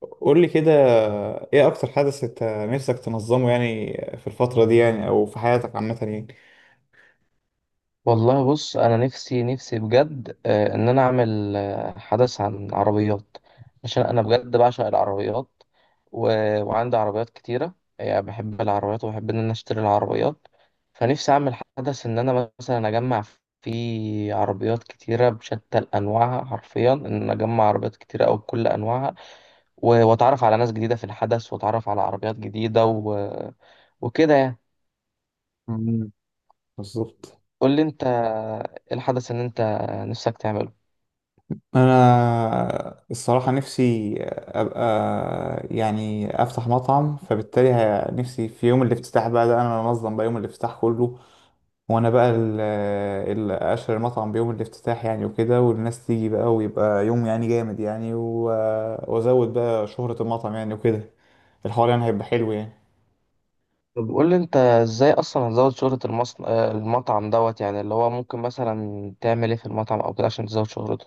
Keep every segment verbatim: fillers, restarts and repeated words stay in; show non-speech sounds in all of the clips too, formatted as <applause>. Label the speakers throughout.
Speaker 1: قول لي كده. ايه اكتر حدث انت نفسك تنظمه يعني في الفترة دي يعني او في حياتك عامة يعني؟
Speaker 2: والله بص انا نفسي نفسي بجد، آه، ان انا اعمل، آه، حدث عن عربيات عشان انا بجد بعشق العربيات. و... وعندي عربيات كتيره، يعني بحب العربيات وبحب ان انا اشتري العربيات. فنفسي اعمل حدث ان انا مثلا اجمع فيه عربيات كتيره بشتى انواعها، حرفيا ان أنا اجمع عربيات كتيره او بكل انواعها. و... واتعرف على ناس جديده في الحدث واتعرف على عربيات جديده و... وكده يعني.
Speaker 1: مم. بالظبط.
Speaker 2: قول لي انت إيه الحدث ان انت نفسك تعمله؟
Speaker 1: انا الصراحة نفسي ابقى يعني افتح مطعم فبالتالي ه- نفسي في يوم الافتتاح بقى ده انا انظم بقى يوم الافتتاح كله. وانا بقى اللي اشهر المطعم بيوم الافتتاح يعني وكده والناس تيجي بقى ويبقى يوم يعني جامد يعني و- وازود بقى شهرة المطعم يعني وكده. الحوار يعني هيبقى حلو يعني.
Speaker 2: طب قول لي انت ازاي اصلا هتزود شهرة المصن... آه، المطعم دوت، يعني اللي هو ممكن مثلا تعمل ايه في المطعم او كده عشان تزود شهرته.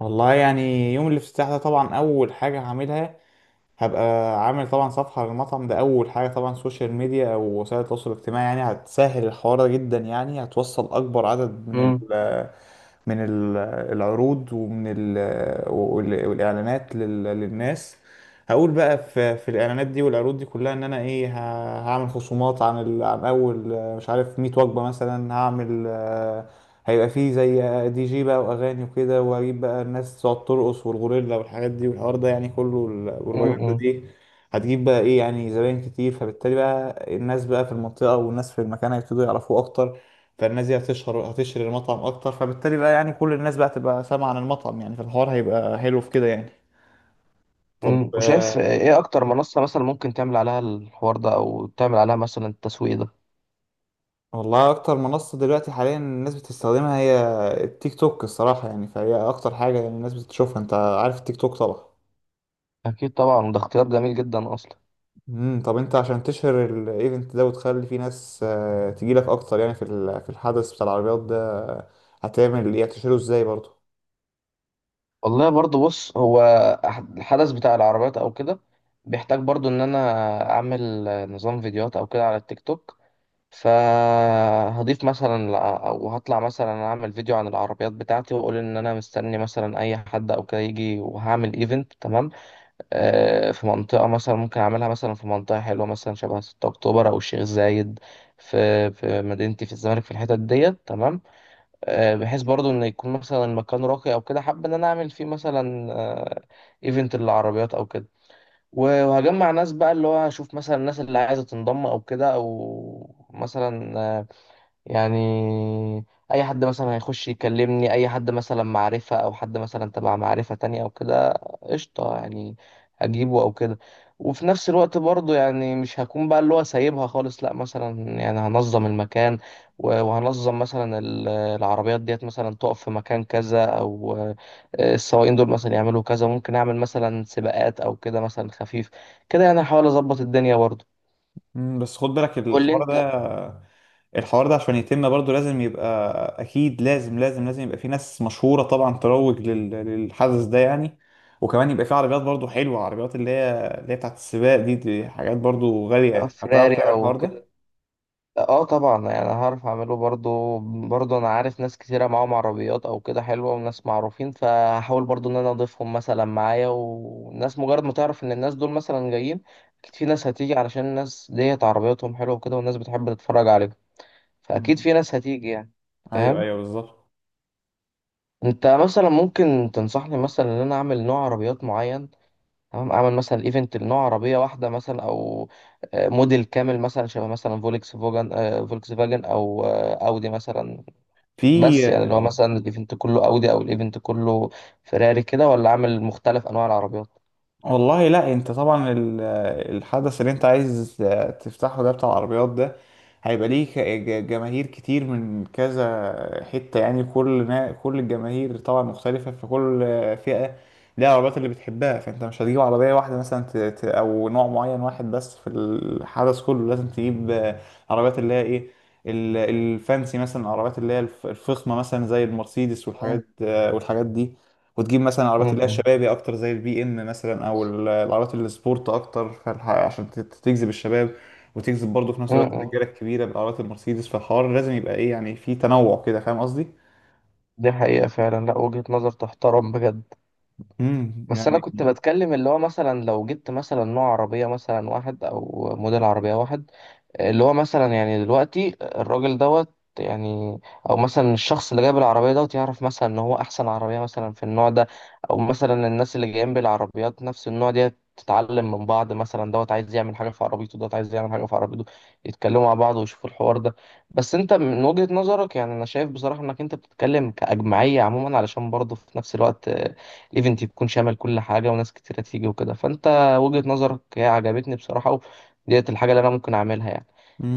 Speaker 1: والله يعني يوم الافتتاح ده طبعا اول حاجه هعملها. هبقى عامل طبعا صفحه للمطعم ده اول حاجه طبعا سوشيال ميديا او وسائل التواصل الاجتماعي يعني هتسهل الحوار ده جدا يعني هتوصل اكبر عدد من
Speaker 2: امم.
Speaker 1: ال من ال- العروض ومن ال وال- والاعلانات لل- للناس. هقول بقى في في الاعلانات دي والعروض دي كلها ان انا ايه ه- هعمل خصومات عن ال- عن اول آه، مش عارف ميت وجبه مثلا هعمل. هيبقى فيه زي دي جي بقى واغاني وكده واجيب بقى الناس تقعد ترقص والغوريلا والحاجات دي والحوار ده يعني كله البروباجندا
Speaker 2: امم.
Speaker 1: دي. هتجيب بقى ايه يعني زباين كتير فبالتالي بقى الناس بقى في المنطقة والناس في المكان هيبتدوا يعرفوه اكتر. فالناس دي هتشهر هتشهر المطعم اكتر فبالتالي بقى يعني كل الناس بقى تبقى سامعة عن المطعم يعني فالحوار هيبقى حلو في كده يعني. طب
Speaker 2: امم. وشايف
Speaker 1: آه،
Speaker 2: ايه اكتر منصة مثلا ممكن تعمل عليها الحوار ده او تعمل عليها مثلا التسويق ده؟
Speaker 1: والله اكتر منصة دلوقتي حاليا الناس بتستخدمها هي التيك توك الصراحة يعني فهي اكتر حاجة يعني الناس بتشوفها انت عارف التيك توك طبعا.
Speaker 2: اكيد طبعا ده اختيار جميل جدا اصلا.
Speaker 1: امم طب انت عشان تشهر الايفنت ده وتخلي فيه ناس آه، تجيلك اكتر يعني في ال- في الحدث بتاع العربيات ده آه، هتعمل ايه هتشهره ازاي برضه؟
Speaker 2: والله برضو بص هو أح- الحدث بتاع العربيات او كده بيحتاج برضو ان انا اعمل نظام فيديوهات او كده على التيك توك. فهضيف مثلا لا- او هطلع مثلا اعمل فيديو عن العربيات بتاعتي واقول ان انا مستني مثلا اي حد او كده يجي وهعمل ايفنت تمام. آه، في منطقه مثلا ممكن اعملها مثلا في منطقه حلوه مثلا شبه ستة اكتوبر او الشيخ زايد، في في مدينتي في الزمالك في الحتت ديت تمام. آه، بحيث برضو ان يكون مثلا المكان راقي او كده، حابب ان انا اعمل فيه مثلا، آه، ايفنت للعربيات او كده. وهجمع ناس بقى اللي هو هشوف مثلا الناس اللي عايزه تنضم او كده، او مثلا، آه، يعني اي حد مثلا هيخش يكلمني اي حد مثلا معرفة او حد مثلا تبع معرفة تانية او كده، قشطة يعني، اجيبه او كده. وفي نفس الوقت برضو يعني مش هكون بقى اللي هو سايبها خالص، لا، مثلا يعني هنظم المكان و- وهنظم مثلا ال- العربيات ديت مثلا تقف في مكان كذا، او آه، السواقين دول مثلا يعملوا كذا، ممكن اعمل مثلا سباقات او كده مثلا خفيف كده يعني، هحاول اظبط الدنيا برضو.
Speaker 1: مم، بس خد بالك
Speaker 2: قول لي
Speaker 1: الحوار
Speaker 2: انت.
Speaker 1: ده. الحوار ده عشان يتم برضو لازم يبقى، اكيد لازم لازم لازم يبقى في ناس مشهورة طبعا تروج لل- للحدث ده يعني. وكمان يبقى في عربيات برضو حلوة عربيات اللي هي اللي هي بتاعت السباق دي. دي حاجات برضو غالية هتعرف
Speaker 2: فراري
Speaker 1: تعمل
Speaker 2: او
Speaker 1: الحوار ده.
Speaker 2: كده. اه طبعا يعني هعرف اعمله برضو. برضو انا عارف ناس كتيرة معاهم عربيات او كده حلوة وناس معروفين، فهحاول برضو ان انا اضيفهم مثلا معايا، والناس مجرد ما تعرف ان الناس دول مثلا جايين، اكيد في ناس هتيجي علشان الناس ديت عربياتهم حلوة وكده، والناس بتحب تتفرج عليهم، فاكيد
Speaker 1: مم.
Speaker 2: في ناس هتيجي يعني.
Speaker 1: ايوه،
Speaker 2: فاهم.
Speaker 1: ايوه، بالظبط.
Speaker 2: انت مثلا ممكن تنصحني مثلا ان انا اعمل نوع عربيات معين؟ تمام، اعمل مثلا ايفنت لنوع عربية واحدة مثلا، او آه، موديل كامل مثلا شبه مثلا فولكس فوجن، آه، فولكس فاجن، او آه، اودي مثلا. بس يعني
Speaker 1: في
Speaker 2: اللي هو مثلا الايفنت كله اودي او الايفنت كله فيراري كده، ولا عامل مختلف انواع العربيات؟
Speaker 1: والله لا انت طبعا ال- الحدث اللي انت عايز تفتحه ده بتاع العربيات ده هيبقى ليه ك- ج- جماهير كتير من كذا حتة يعني كل نا- كل الجماهير طبعا مختلفة فكل فئة ليها العربيات اللي بتحبها. فانت مش هتجيب عربية واحدة مثلا ت- ت- او نوع معين واحد بس في الحدث كله لازم تجيب عربيات اللي هي ايه ال- الفانسي مثلا العربيات اللي هي الف- الفخمة مثلا زي المرسيدس
Speaker 2: مم.
Speaker 1: والحاجات والحاجات دي. وتجيب مثلا العربيات اللي هي
Speaker 2: مم.
Speaker 1: الشبابي اكتر زي البي ام مثلا او ال- العربيات السبورت اكتر فالح- عشان ت- تجذب الشباب، وتجذب برضه في نفس الوقت
Speaker 2: مم.
Speaker 1: الرجاله الكبيره بالعربيات المرسيدس فالحوار لازم يبقى ايه يعني في تنوع كده. فاهم قصدي؟
Speaker 2: دي حقيقة فعلا، لا وجهة نظر تحترم بجد.
Speaker 1: امم
Speaker 2: بس أنا كنت
Speaker 1: يعني.
Speaker 2: بتكلم اللي هو مثلا لو جبت مثلا نوع عربية مثلا واحد أو موديل عربية واحد، اللي هو مثلا يعني دلوقتي الراجل دوت يعني، او مثلا الشخص اللي جايب العربيه دوت يعرف مثلا ان هو احسن عربيه مثلا في النوع ده، او مثلا الناس اللي جايين بالعربيات نفس النوع ديت تتعلم من بعض، مثلا دوت عايز يعمل حاجه في عربيته، دوت عايز يعمل حاجه في عربيته، يتكلموا مع بعض ويشوفوا الحوار ده. بس انت من وجهه نظرك يعني انا شايف بصراحه انك انت بتتكلم كاجمعيه عموما، علشان برضه في نفس الوقت آه، الايفنت يكون شامل كل حاجه وناس كتيره تيجي وكده، فانت وجهه نظرك هي عجبتني بصراحه، وديت الحاجه اللي انا ممكن اعملها يعني.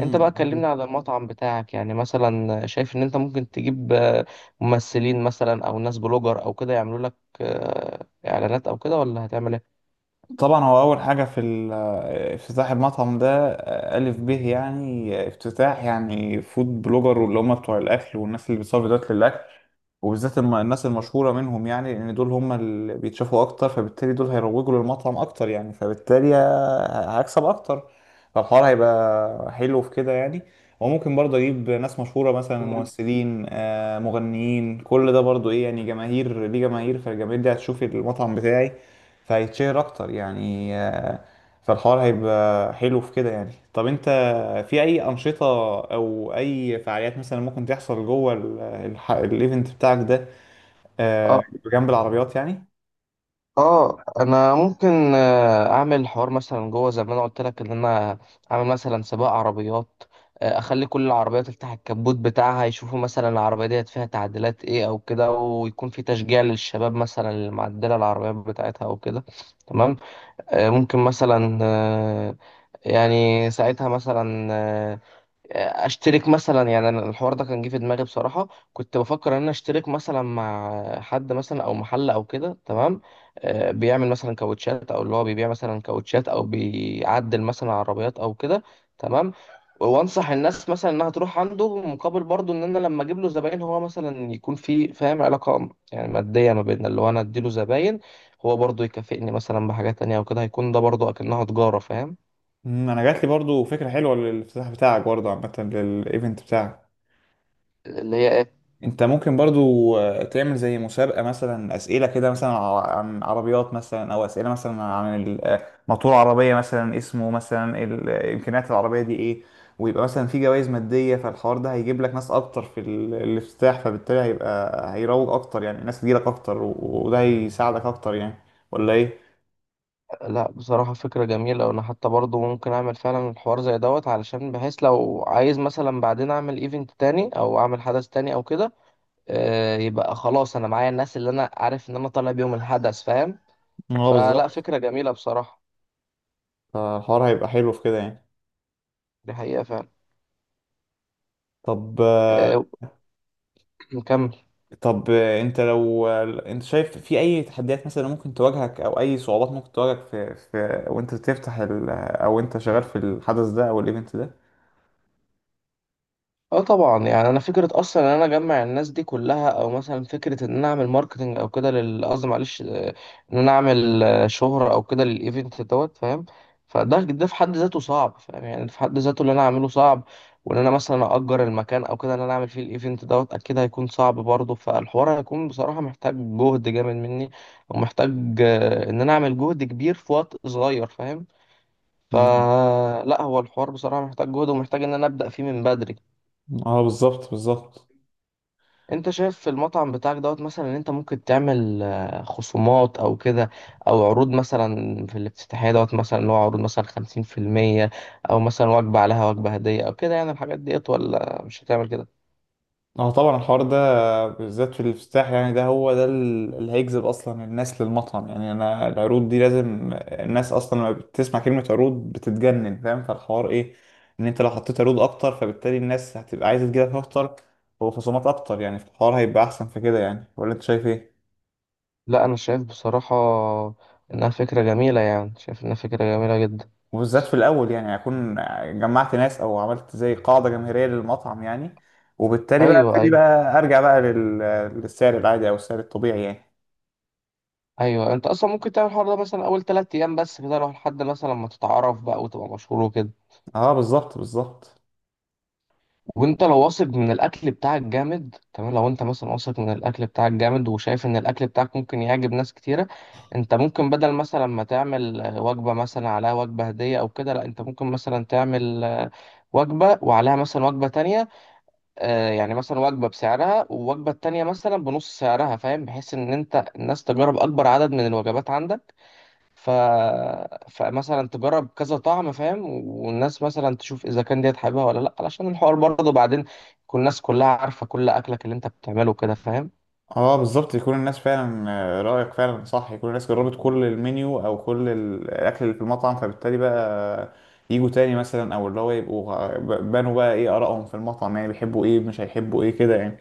Speaker 2: انت بقى كلمنا على المطعم بتاعك، يعني مثلا شايف ان انت ممكن تجيب آه، ممثلين مثلا او ناس بلوجر او كده يعملوا لك آه، اعلانات او كده، ولا هتعمل ايه؟
Speaker 1: طبعا هو اول حاجه في ال- آه، افتتاح المطعم ده آه، الف به يعني آه، افتتاح يعني فود بلوجر واللي هم بتوع الاكل والناس اللي بتصور فيديوهات للاكل. وبالذات الم- الناس المشهوره منهم يعني لان دول هم اللي بيتشافوا اكتر فبالتالي دول هيروجوا للمطعم اكتر يعني فبالتالي ه- هكسب اكتر. فالحوار هيبقى حلو في كده يعني. وممكن برضه اجيب ناس مشهوره مثلا
Speaker 2: مم.
Speaker 1: ممثلين آه، مغنيين كل ده برضه ايه يعني جماهير ليه جماهير فالجماهير دي هتشوف المطعم بتاعي فهيتشهر اكتر يعني آه، فالحوار هيبقى حلو في كده يعني. طب انت في اي انشطة او اي فعاليات مثلا ممكن تحصل جوه ال- الح- الايفنت بتاعك ده آه،
Speaker 2: اه.
Speaker 1: جنب العربيات يعني؟
Speaker 2: اه انا ممكن آه، اعمل حوار مثلا جوه زي ما انا قلت لك ان انا اعمل مثلا سباق عربيات. آه، اخلي كل العربيات تفتح الكبوت بتاعها يشوفوا مثلا العربيه ديت فيها تعديلات ايه او كده، ويكون في تشجيع للشباب مثلا اللي معدله العربيات بتاعتها او كده تمام. آه، ممكن مثلا، آه، يعني ساعتها مثلا، آه، اشترك مثلا، يعني أنا الحوار ده كان جه في دماغي بصراحه، كنت بفكر ان انا اشترك مثلا مع حد مثلا او محل او كده تمام. آه، بيعمل مثلا كاوتشات، او اللي هو بيبيع مثلا كاوتشات او بيعدل مثلا عربيات او كده تمام، وانصح الناس مثلا انها تروح عنده، مقابل برضو ان انا لما اجيب له زباين هو مثلا يكون في، فاهم، علاقه يعني ماديه ما بيننا، اللي هو انا اديله زباين هو برضو يكافئني مثلا بحاجات تانية وكده، هيكون ده برضو اكنها تجاره فاهم.
Speaker 1: مم، انا جات لي برضو فكرة حلوة للافتتاح بتاعك برضو عامة للايفنت بتاعك.
Speaker 2: اللي هي إيه؟
Speaker 1: انت ممكن برضو آه، تعمل زي مسابقة مثلا اسئلة كده مثلا ع- عن عربيات مثلا او اسئلة مثلا عن ال- آه، موتور عربية مثلا اسمه مثلا ال- آه، امكانيات العربية دي ايه. ويبقى مثلا في جوائز مادية فالحوار ده هيجيب لك ناس اكتر في ال- الافتتاح فبالتالي هيبقى هيروج اكتر يعني الناس تجيلك اكتر و- وده هيساعدك اكتر يعني، ولا ايه؟
Speaker 2: لا بصراحة فكرة جميلة، وأنا حتى برضو ممكن أعمل فعلا الحوار زي دوت، علشان بحيث لو عايز مثلا بعدين أعمل إيفنت تاني أو أعمل حدث تاني أو كده، آه، يبقى خلاص أنا معايا الناس اللي أنا عارف إن أنا طالع بيهم الحدث، فاهم.
Speaker 1: اه،
Speaker 2: فلا
Speaker 1: بالظبط.
Speaker 2: فكرة جميلة بصراحة.
Speaker 1: فالحوار هيبقى حلو في كده يعني.
Speaker 2: دي حقيقة فعلا.
Speaker 1: طب
Speaker 2: آه، <clears throat> نكمل.
Speaker 1: طب آه، انت لو آه، انت شايف في اي تحديات مثلا ممكن تواجهك او اي صعوبات ممكن تواجهك في, في وانت بتفتح ال... او انت شغال في الحدث ده او الايفنت ده؟
Speaker 2: اه طبعا يعني انا فكره اصلا ان انا اجمع الناس دي كلها، او مثلا فكره ان انا اعمل ماركتنج او كده لل، قصدي معلش، آه، ان انا اعمل آه، شهره او كده للايفنت دوت، فاهم. فده ده في حد ذاته صعب، فاهم، يعني ده في حد ذاته اللي انا اعمله صعب، وان انا مثلا اجر المكان او كده ان انا اعمل فيه الايفنت دوت اكيد هيكون صعب برضه، فالحوار هيكون بصراحه محتاج جهد جامد مني، ومحتاج آه، ان انا اعمل جهد كبير في وقت صغير، فاهم.
Speaker 1: مم.
Speaker 2: فلا هو الحوار بصراحه محتاج جهد، ومحتاج ان انا ابدا فيه من بدري.
Speaker 1: اه، بالظبط، بالظبط.
Speaker 2: انت شايف في المطعم بتاعك دوت مثلا ان انت ممكن تعمل آه، خصومات او كده، او عروض مثلا في الافتتاحية دوت مثلا اللي هو عروض مثلا خمسين في المية، او مثلا وجبة عليها وجبة هدية او كده، يعني الحاجات ديت، ولا مش هتعمل كده؟
Speaker 1: اه طبعا الحوار ده بالذات في الافتتاح يعني ده هو ده ال- اللي هيجذب اصلا الناس للمطعم يعني. انا العروض دي لازم الناس اصلا لما بتسمع كلمة عروض بتتجنن فاهم، فالحوار ايه ان انت لو حطيت عروض اكتر فبالتالي الناس هتبقى عايزة تجيلك اكتر وخصومات اكتر يعني الحوار هيبقى احسن في كده يعني، ولا انت شايف ايه؟
Speaker 2: لا انا شايف بصراحة، انها فكرة جميلة، يعني شايف انها فكرة جميلة جدا.
Speaker 1: وبالذات في الاول يعني هكون جمعت ناس او عملت زي قاعدة جماهيرية للمطعم يعني وبالتالي بقى
Speaker 2: ايوه
Speaker 1: ابتدي
Speaker 2: ايوه.
Speaker 1: بقى ارجع بقى لل- للسعر العادي او السعر الطبيعي يعني.
Speaker 2: ايوه انت اصلا ممكن تعمل الحوار ده مثلا اول ثلاث ايام بس كده لو لحد مثلا ما تتعرف بقى وتبقى مشهور وكده.
Speaker 1: اه، بالظبط، بالظبط.
Speaker 2: وانت لو واثق من الاكل بتاعك جامد تمام، لو انت مثلا واثق من الاكل بتاعك جامد وشايف ان الاكل بتاعك ممكن يعجب ناس كتيره، انت ممكن بدل مثلا ما تعمل آه، وجبه مثلا عليها وجبه هديه او كده، لا انت ممكن مثلا تعمل آه، وجبه وعليها مثلا وجبه تانية، آه، يعني مثلا وجبه بسعرها والوجبه التانية مثلا بنص سعرها، فاهم، بحيث ان انت الناس تجرب اكبر عدد من الوجبات عندك. ف... فمثلا تجرب كذا طعم، فاهم، والناس مثلا تشوف اذا كان ديت حاببها ولا لا، علشان الحوار برضه بعدين تكون الناس كلها عارفه كل اكلك اللي انت بتعمله كده، فاهم.
Speaker 1: اه بالظبط يكون الناس فعلا آه، رأيك فعلا صح، يكون الناس جربت كل المنيو او كل ال- الاكل اللي في المطعم فبالتالي بقى يجوا تاني مثلا او اللي هو يبقوا غ- بانوا بقى ايه آرائهم في المطعم يعني بيحبوا ايه مش هيحبوا ايه كده يعني.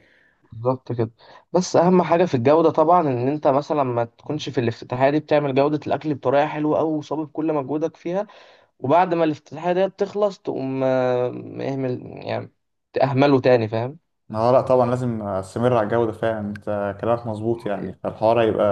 Speaker 2: بالظبط كده. بس اهم حاجه في الجوده طبعا، ان انت مثلا ما تكونش في الافتتاحيه دي بتعمل جوده الاكل بطريقه حلوه قوي وصابب كل مجهودك فيها، وبعد ما الافتتاحيه ديت تخلص تقوم آه، اهمل، يعني تأهمله تاني، فاهم.
Speaker 1: اه لا طبعا لازم استمر على الجودة فعلا، انت كلامك مظبوط يعني فالحوار هيبقى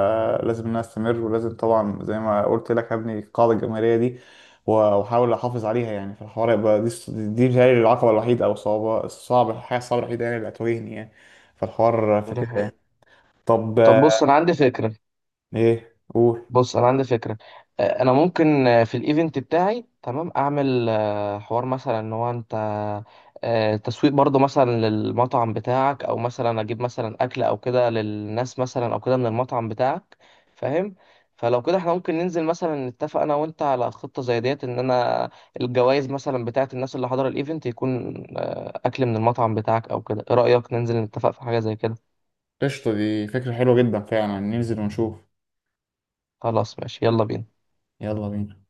Speaker 1: لازم ان انا استمر ولازم طبعا زي ما قلت لك هبني القاعدة الجماهيرية دي و- واحاول احافظ عليها يعني فالحوار هيبقى دي دي بتهيألي العقبة الوحيدة او صعبة الصعب الحاجة الصعبة الوحيدة يعني اللي هتواجهني يعني فالحوار
Speaker 2: ده
Speaker 1: فكرة
Speaker 2: حقيقي.
Speaker 1: يعني. طب
Speaker 2: طب
Speaker 1: آه،
Speaker 2: بص انا عندي فكره.
Speaker 1: ايه قول.
Speaker 2: بص انا عندي فكره، آه، انا ممكن آه، في الايفنت بتاعي تمام اعمل آه، حوار مثلا ان هو انت آه، تسويق برضو مثلا للمطعم بتاعك، او مثلا اجيب مثلا اكل او كده للناس مثلا او كده من المطعم بتاعك، فاهم. فلو كده احنا ممكن ننزل مثلا نتفق انا وانت على خطه زي ديت، ان انا الجوائز مثلا بتاعت الناس اللي حضر الايفنت يكون آه، اكل من المطعم بتاعك او كده، ايه رايك ننزل نتفق في حاجه زي كده؟
Speaker 1: قشطة، دي فكرة حلوة جدا فعلا ننزل ونشوف.
Speaker 2: خلاص ماشي يلا بينا.
Speaker 1: يلا بينا.